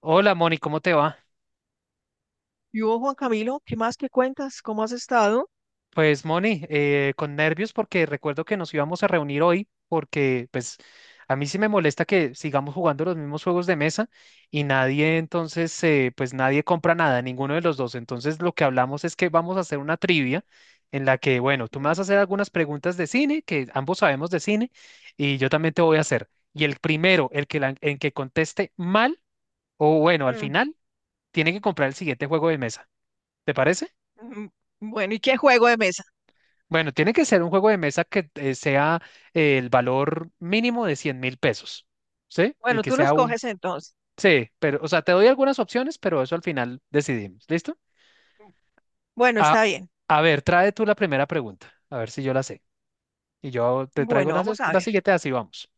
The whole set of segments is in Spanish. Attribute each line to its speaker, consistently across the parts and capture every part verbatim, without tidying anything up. Speaker 1: Hola Moni, ¿cómo te va?
Speaker 2: Y vos, Juan Camilo, ¿qué más que cuentas? ¿Cómo has estado?
Speaker 1: Pues Moni, eh, con nervios porque recuerdo que nos íbamos a reunir hoy porque pues a mí sí me molesta que sigamos jugando los mismos juegos de mesa y nadie entonces, eh, pues nadie compra nada, ninguno de los dos. Entonces lo que hablamos es que vamos a hacer una trivia en la que, bueno, tú me vas a hacer algunas preguntas de cine, que ambos sabemos de cine, y yo también te voy a hacer. Y el primero, el que, la- el que conteste mal o bueno, al
Speaker 2: Mm,
Speaker 1: final, tiene que comprar el siguiente juego de mesa. ¿Te parece?
Speaker 2: mm, Bueno, ¿y qué juego de mesa?
Speaker 1: Bueno, tiene que ser un juego de mesa que eh, sea eh, el valor mínimo de cien mil pesos, ¿sí? Y
Speaker 2: Bueno,
Speaker 1: que
Speaker 2: tú
Speaker 1: sea
Speaker 2: los
Speaker 1: un...
Speaker 2: coges entonces.
Speaker 1: Sí, pero, o sea, te doy algunas opciones, pero eso al final decidimos, ¿listo?
Speaker 2: Bueno,
Speaker 1: A,
Speaker 2: está bien.
Speaker 1: a ver, trae tú la primera pregunta, a ver si yo la sé. Y yo te traigo
Speaker 2: Bueno,
Speaker 1: la, ses-
Speaker 2: vamos a
Speaker 1: la
Speaker 2: ver.
Speaker 1: siguiente, así vamos.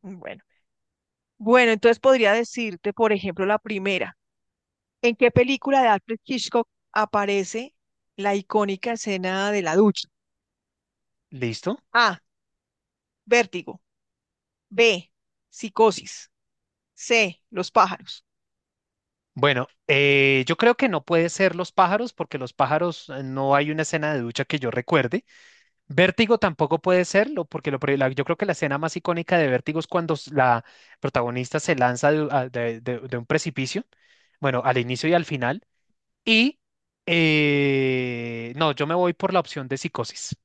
Speaker 2: Bueno, bueno, entonces podría decirte, por ejemplo, la primera. ¿En qué película de Alfred Hitchcock aparece la icónica escena de la ducha?
Speaker 1: ¿Listo?
Speaker 2: A. Vértigo. B. Psicosis. C. Los pájaros.
Speaker 1: Bueno, eh, yo creo que no puede ser los pájaros, porque los pájaros eh, no hay una escena de ducha que yo recuerde. Vértigo tampoco puede serlo, porque lo, pri- la- yo creo que la escena más icónica de Vértigo es cuando s- la protagonista se lanza de, a- de- de- de un precipicio, bueno, al inicio y al final. Y eh, no, yo me voy por la opción de psicosis.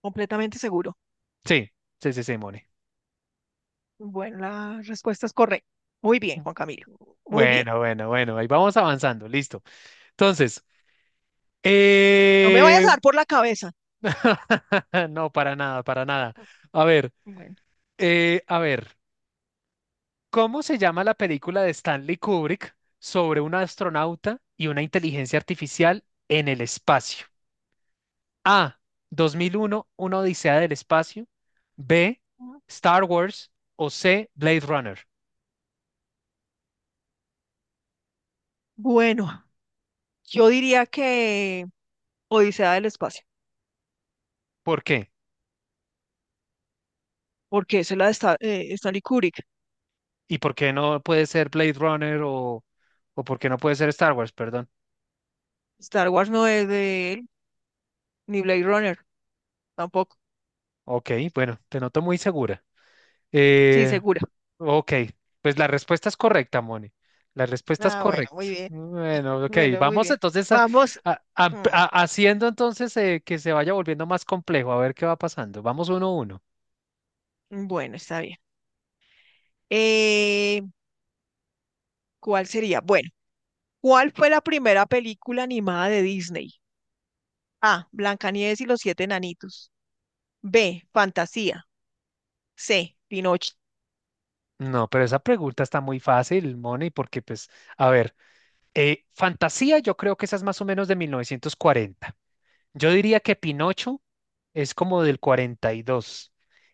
Speaker 2: Completamente seguro.
Speaker 1: Sí, sí, sí, sí, Moni.
Speaker 2: Bueno, la respuesta es correcta. Muy bien, Juan Camilo. Muy bien.
Speaker 1: Bueno, bueno, bueno, ahí vamos avanzando, listo. Entonces,
Speaker 2: No me vayas a
Speaker 1: eh,
Speaker 2: dar por la cabeza.
Speaker 1: no, para nada, para nada. A ver,
Speaker 2: Bueno.
Speaker 1: eh, a ver. ¿Cómo se llama la película de Stanley Kubrick sobre un astronauta y una inteligencia artificial en el espacio? A. dos mil uno, una odisea del espacio. B. Star Wars. O C. Blade Runner.
Speaker 2: Bueno, yo diría que Odisea del Espacio,
Speaker 1: ¿Por qué?
Speaker 2: porque esa es la de Sta- eh, Stanley Kubrick.
Speaker 1: ¿Y por qué no puede ser Blade Runner o, o por qué no puede ser Star Wars? Perdón.
Speaker 2: Star Wars no es de él, ni Blade Runner tampoco.
Speaker 1: Ok, bueno, te noto muy segura.
Speaker 2: Sí,
Speaker 1: Eh,
Speaker 2: segura.
Speaker 1: Ok, pues la respuesta es correcta, Moni. La respuesta es
Speaker 2: Ah, bueno,
Speaker 1: correcta.
Speaker 2: muy bien.
Speaker 1: Bueno, ok,
Speaker 2: Bueno, muy
Speaker 1: vamos
Speaker 2: bien.
Speaker 1: entonces a-
Speaker 2: Vamos.
Speaker 1: a- a-
Speaker 2: Mm,
Speaker 1: a- haciendo entonces eh, que se vaya volviendo más complejo, a ver qué va pasando. Vamos uno a uno.
Speaker 2: Bueno, está bien. Eh, ¿Cuál sería? Bueno, ¿cuál fue la primera película animada de Disney? A. Blancanieves y los siete enanitos. B. Fantasía. C. Pinocho.
Speaker 1: No, pero esa pregunta está muy fácil, Moni, porque pues, a ver, eh, fantasía, yo creo que esa es más o menos de mil novecientos cuarenta. Yo diría que Pinocho es como del cuarenta y dos.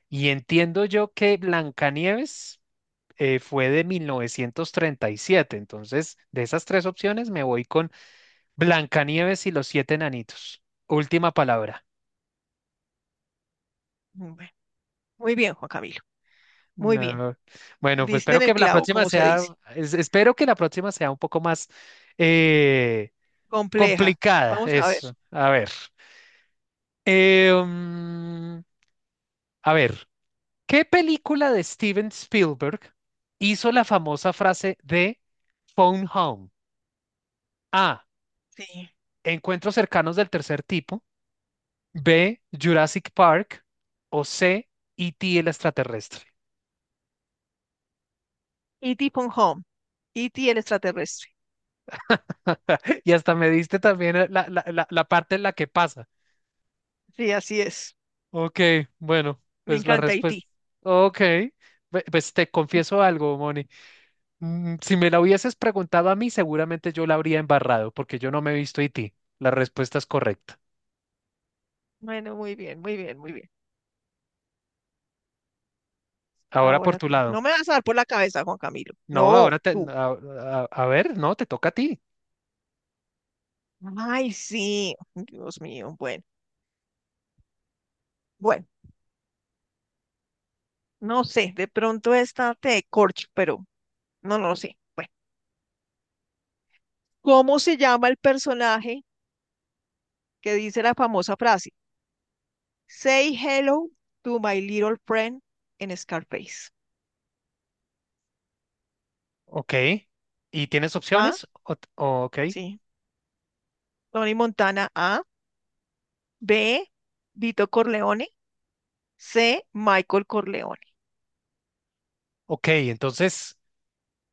Speaker 1: Y entiendo yo que Blancanieves eh, fue de mil novecientos treinta y siete. Entonces, de esas tres opciones me voy con Blancanieves y los siete enanitos. Última palabra.
Speaker 2: Mm, bueno, muy bien, Juan Camilo. Muy bien.
Speaker 1: No. Bueno, pues
Speaker 2: Diste
Speaker 1: espero
Speaker 2: en el
Speaker 1: que la
Speaker 2: clavo,
Speaker 1: próxima
Speaker 2: como se
Speaker 1: sea,
Speaker 2: dice.
Speaker 1: es- espero que la próxima sea un poco más eh,
Speaker 2: Compleja.
Speaker 1: complicada.
Speaker 2: Vamos a ver.
Speaker 1: Eso. A ver. Eh, mm, a ver, ¿qué película de Steven Spielberg hizo la famosa frase de Phone Home? A.
Speaker 2: Sí.
Speaker 1: Encuentros cercanos del tercer tipo. B, Jurassic Park o C, E T el extraterrestre.
Speaker 2: E T. Pon Home. E T el extraterrestre.
Speaker 1: Y hasta me diste también eh, la, la, la, la parte en la que pasa.
Speaker 2: Sí, así es.
Speaker 1: Ok, bueno,
Speaker 2: Me
Speaker 1: pues la
Speaker 2: encanta
Speaker 1: respuesta.
Speaker 2: E T.
Speaker 1: Ok, Pe- pues te confieso algo, Moni. Mm, Si me la hubieses preguntado a mí, seguramente yo la habría embarrado, porque yo no me he visto E T. La respuesta es correcta.
Speaker 2: Bueno, muy bien, muy bien, muy bien.
Speaker 1: Ahora por
Speaker 2: Ahora
Speaker 1: tu
Speaker 2: tú.
Speaker 1: lado.
Speaker 2: No me vas a dar por la cabeza, Juan Camilo.
Speaker 1: No,
Speaker 2: No,
Speaker 1: ahora te...
Speaker 2: tú.
Speaker 1: A, a- a ver, no, te toca a ti.
Speaker 2: Ay, sí. Dios mío. Bueno, bueno. No sé, de pronto esta te corcho, pero no, no lo sé. Bueno, ¿cómo se llama el personaje que dice la famosa frase? Say hello to my little friend en Scarface.
Speaker 1: Ok. ¿Y tienes
Speaker 2: ¿Ah?
Speaker 1: opciones? O- o- ok.
Speaker 2: Sí. Tony Montana A. B. Vito Corleone. C. Michael Corleone.
Speaker 1: Ok, entonces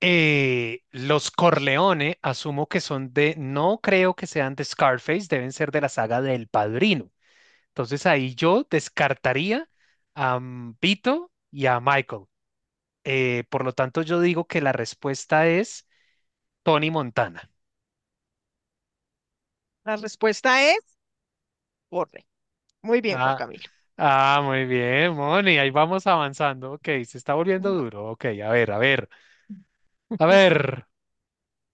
Speaker 1: eh, los Corleone asumo que son de, no creo que sean de Scarface, deben ser de la saga del Padrino. Entonces ahí yo descartaría a mm, Vito y a Michael. Eh, por lo tanto, yo digo que la respuesta es Tony Montana.
Speaker 2: La respuesta es corre. Muy bien, Juan
Speaker 1: Ah,
Speaker 2: Camilo.
Speaker 1: ah, muy bien, Moni, ahí vamos avanzando. Ok, se está volviendo
Speaker 2: Bueno.
Speaker 1: duro. Ok, a ver, a ver, a ver.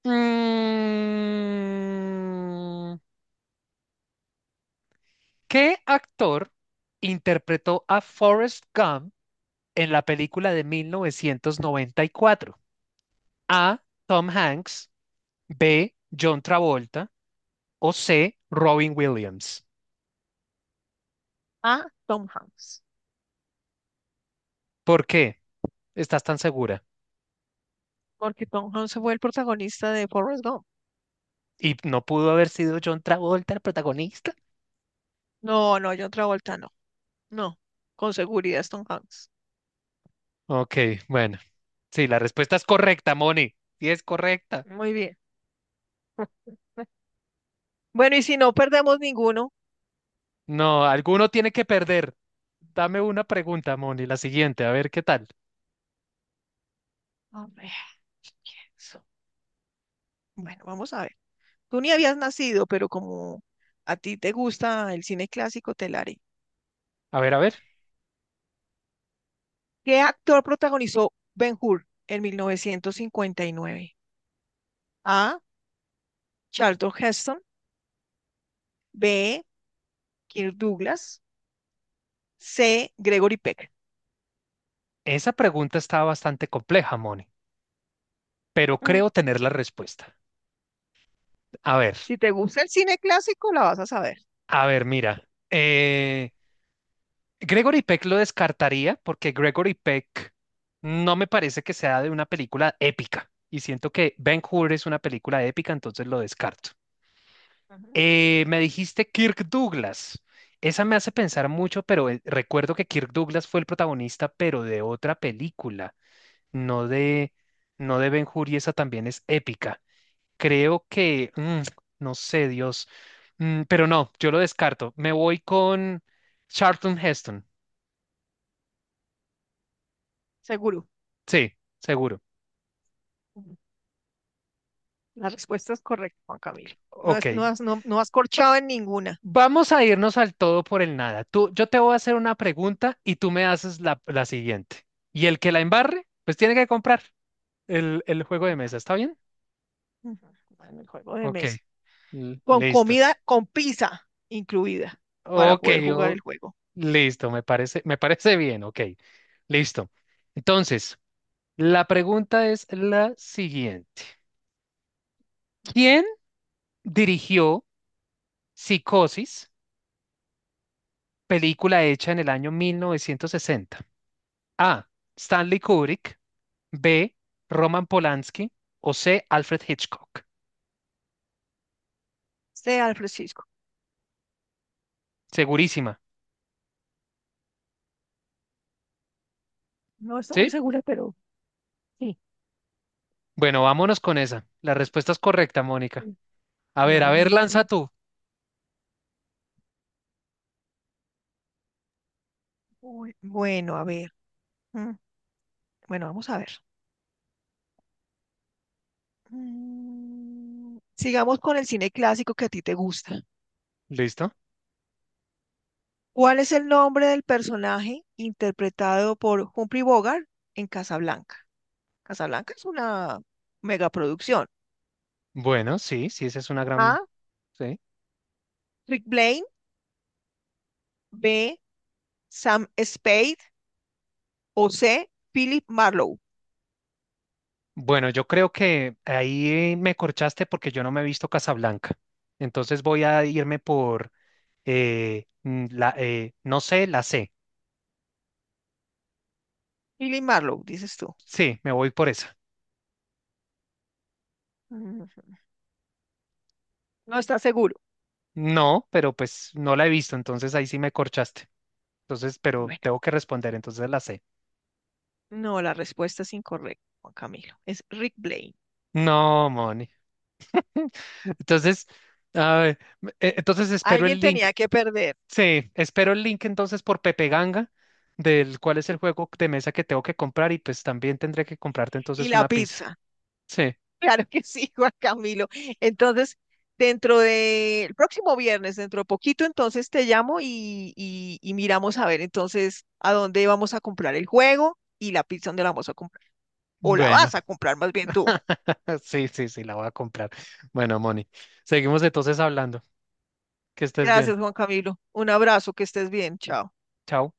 Speaker 1: Mm, ¿qué actor interpretó a Forrest Gump en la película de mil novecientos noventa y cuatro? A. Tom Hanks, B. John Travolta o C. Robin Williams.
Speaker 2: A. Tom Hanks.
Speaker 1: ¿Por qué estás tan segura?
Speaker 2: Porque Tom Hanks fue el protagonista de Forrest Gump.
Speaker 1: ¿Y no pudo haber sido John Travolta el protagonista?
Speaker 2: No, no, John Travolta no. No. Con seguridad es Tom Hanks.
Speaker 1: Ok, bueno, sí, la respuesta es correcta, Moni. Sí, es correcta.
Speaker 2: Muy bien. Bueno, y si no perdemos ninguno.
Speaker 1: No, alguno tiene que perder. Dame una pregunta, Moni, la siguiente, a ver qué tal.
Speaker 2: A ver, pienso. Bueno, vamos a ver. Tú ni habías nacido, pero como a ti te gusta el cine clásico, te la haré.
Speaker 1: A ver, a ver.
Speaker 2: ¿Qué actor protagonizó Ben-Hur en mil novecientos cincuenta y nueve? A. Charlton Heston. B. Kirk Douglas. C. Gregory Peck.
Speaker 1: Esa pregunta está bastante compleja, Moni, pero creo tener la respuesta. A ver,
Speaker 2: Si te gusta el cine clásico, la vas a saber.
Speaker 1: a ver, mira. eh, Gregory Peck lo descartaría porque Gregory Peck no me parece que sea de una película épica y siento que Ben-Hur es una película épica, entonces lo descarto.
Speaker 2: Ujú.
Speaker 1: Eh, me dijiste Kirk Douglas. Esa me hace pensar mucho, pero eh, recuerdo que Kirk Douglas fue el protagonista, pero de otra película, no de, no de Ben-Hur y esa también es épica. Creo que, mm, no sé, Dios. Mm, pero no, yo lo descarto. Me voy con Charlton Heston.
Speaker 2: Seguro.
Speaker 1: Sí, seguro.
Speaker 2: La respuesta es correcta, Juan Camilo. No,
Speaker 1: Ok.
Speaker 2: es, no, has, no, no has corchado en ninguna.
Speaker 1: Vamos a irnos al todo por el nada. Tú, yo te voy a hacer una pregunta y tú me haces la, la siguiente. Y el que la embarre, pues tiene que comprar el, el juego de
Speaker 2: Bueno,
Speaker 1: mesa. ¿Está bien?
Speaker 2: bueno, el juego de
Speaker 1: Ok.
Speaker 2: mesa.
Speaker 1: l-
Speaker 2: Con
Speaker 1: Listo.
Speaker 2: comida, con pizza incluida para
Speaker 1: Ok,
Speaker 2: poder jugar
Speaker 1: yo,
Speaker 2: el juego.
Speaker 1: listo. Me parece, me parece bien. Ok. Listo. Entonces, la pregunta es la siguiente. Dirigió Psicosis, película hecha en el año mil novecientos sesenta. A. Stanley Kubrick. B. Roman Polanski. O C. Alfred Hitchcock.
Speaker 2: Sea al Francisco.
Speaker 1: Segurísima.
Speaker 2: No estoy muy
Speaker 1: ¿Sí?
Speaker 2: segura, pero sí.
Speaker 1: Bueno, vámonos con esa. La respuesta es correcta, Mónica.
Speaker 2: Mm,
Speaker 1: A ver,
Speaker 2: Ay,
Speaker 1: a ver,
Speaker 2: bueno, qué
Speaker 1: lanza
Speaker 2: bueno.
Speaker 1: tú.
Speaker 2: Uy, bueno, a ver. mm, Bueno, vamos a ver. Mm, Sigamos con el cine clásico que a ti te gusta.
Speaker 1: ¿Listo?
Speaker 2: ¿Cuál es el nombre del personaje interpretado por Humphrey Bogart en Casablanca? Casablanca es una megaproducción.
Speaker 1: Bueno, sí, sí, esa es una gran...
Speaker 2: A.
Speaker 1: Sí.
Speaker 2: Rick Blaine. B. Sam Spade. O C. Philip Marlowe.
Speaker 1: Bueno, yo creo que ahí me corchaste porque yo no me he visto Casablanca. Entonces voy a irme por, eh, mm, la, eh, no sé, la C.
Speaker 2: Philip Marlowe, dices tú.
Speaker 1: Sí, me voy por esa.
Speaker 2: Mm, No estás seguro.
Speaker 1: No, pero pues no la he visto, entonces ahí sí me corchaste. Entonces, pero
Speaker 2: Bueno,
Speaker 1: tengo que responder, entonces la sé.
Speaker 2: no, la respuesta es incorrecta, Juan Camilo. Es Rick Blaine.
Speaker 1: No, Moni. Entonces, a ver, m- e- entonces espero
Speaker 2: Alguien
Speaker 1: el link.
Speaker 2: tenía que perder.
Speaker 1: Sí, espero el link entonces por Pepe Ganga, del cuál es el juego de mesa que tengo que comprar y pues también tendré que comprarte
Speaker 2: Y
Speaker 1: entonces
Speaker 2: la
Speaker 1: una pizza.
Speaker 2: pizza.
Speaker 1: Sí,
Speaker 2: Claro que sí, Juan Camilo. Entonces, dentro de el próximo viernes, dentro de poquito, entonces te llamo y, y y miramos a ver entonces a dónde vamos a comprar el juego y la pizza donde la vamos a comprar. O la
Speaker 1: bueno.
Speaker 2: vas a comprar más bien tú.
Speaker 1: Sí, sí, sí, la voy a comprar. Bueno, Moni, seguimos entonces hablando. Que estés bien.
Speaker 2: Gracias, Juan Camilo. Un abrazo, que estés bien. Chao.
Speaker 1: Chao.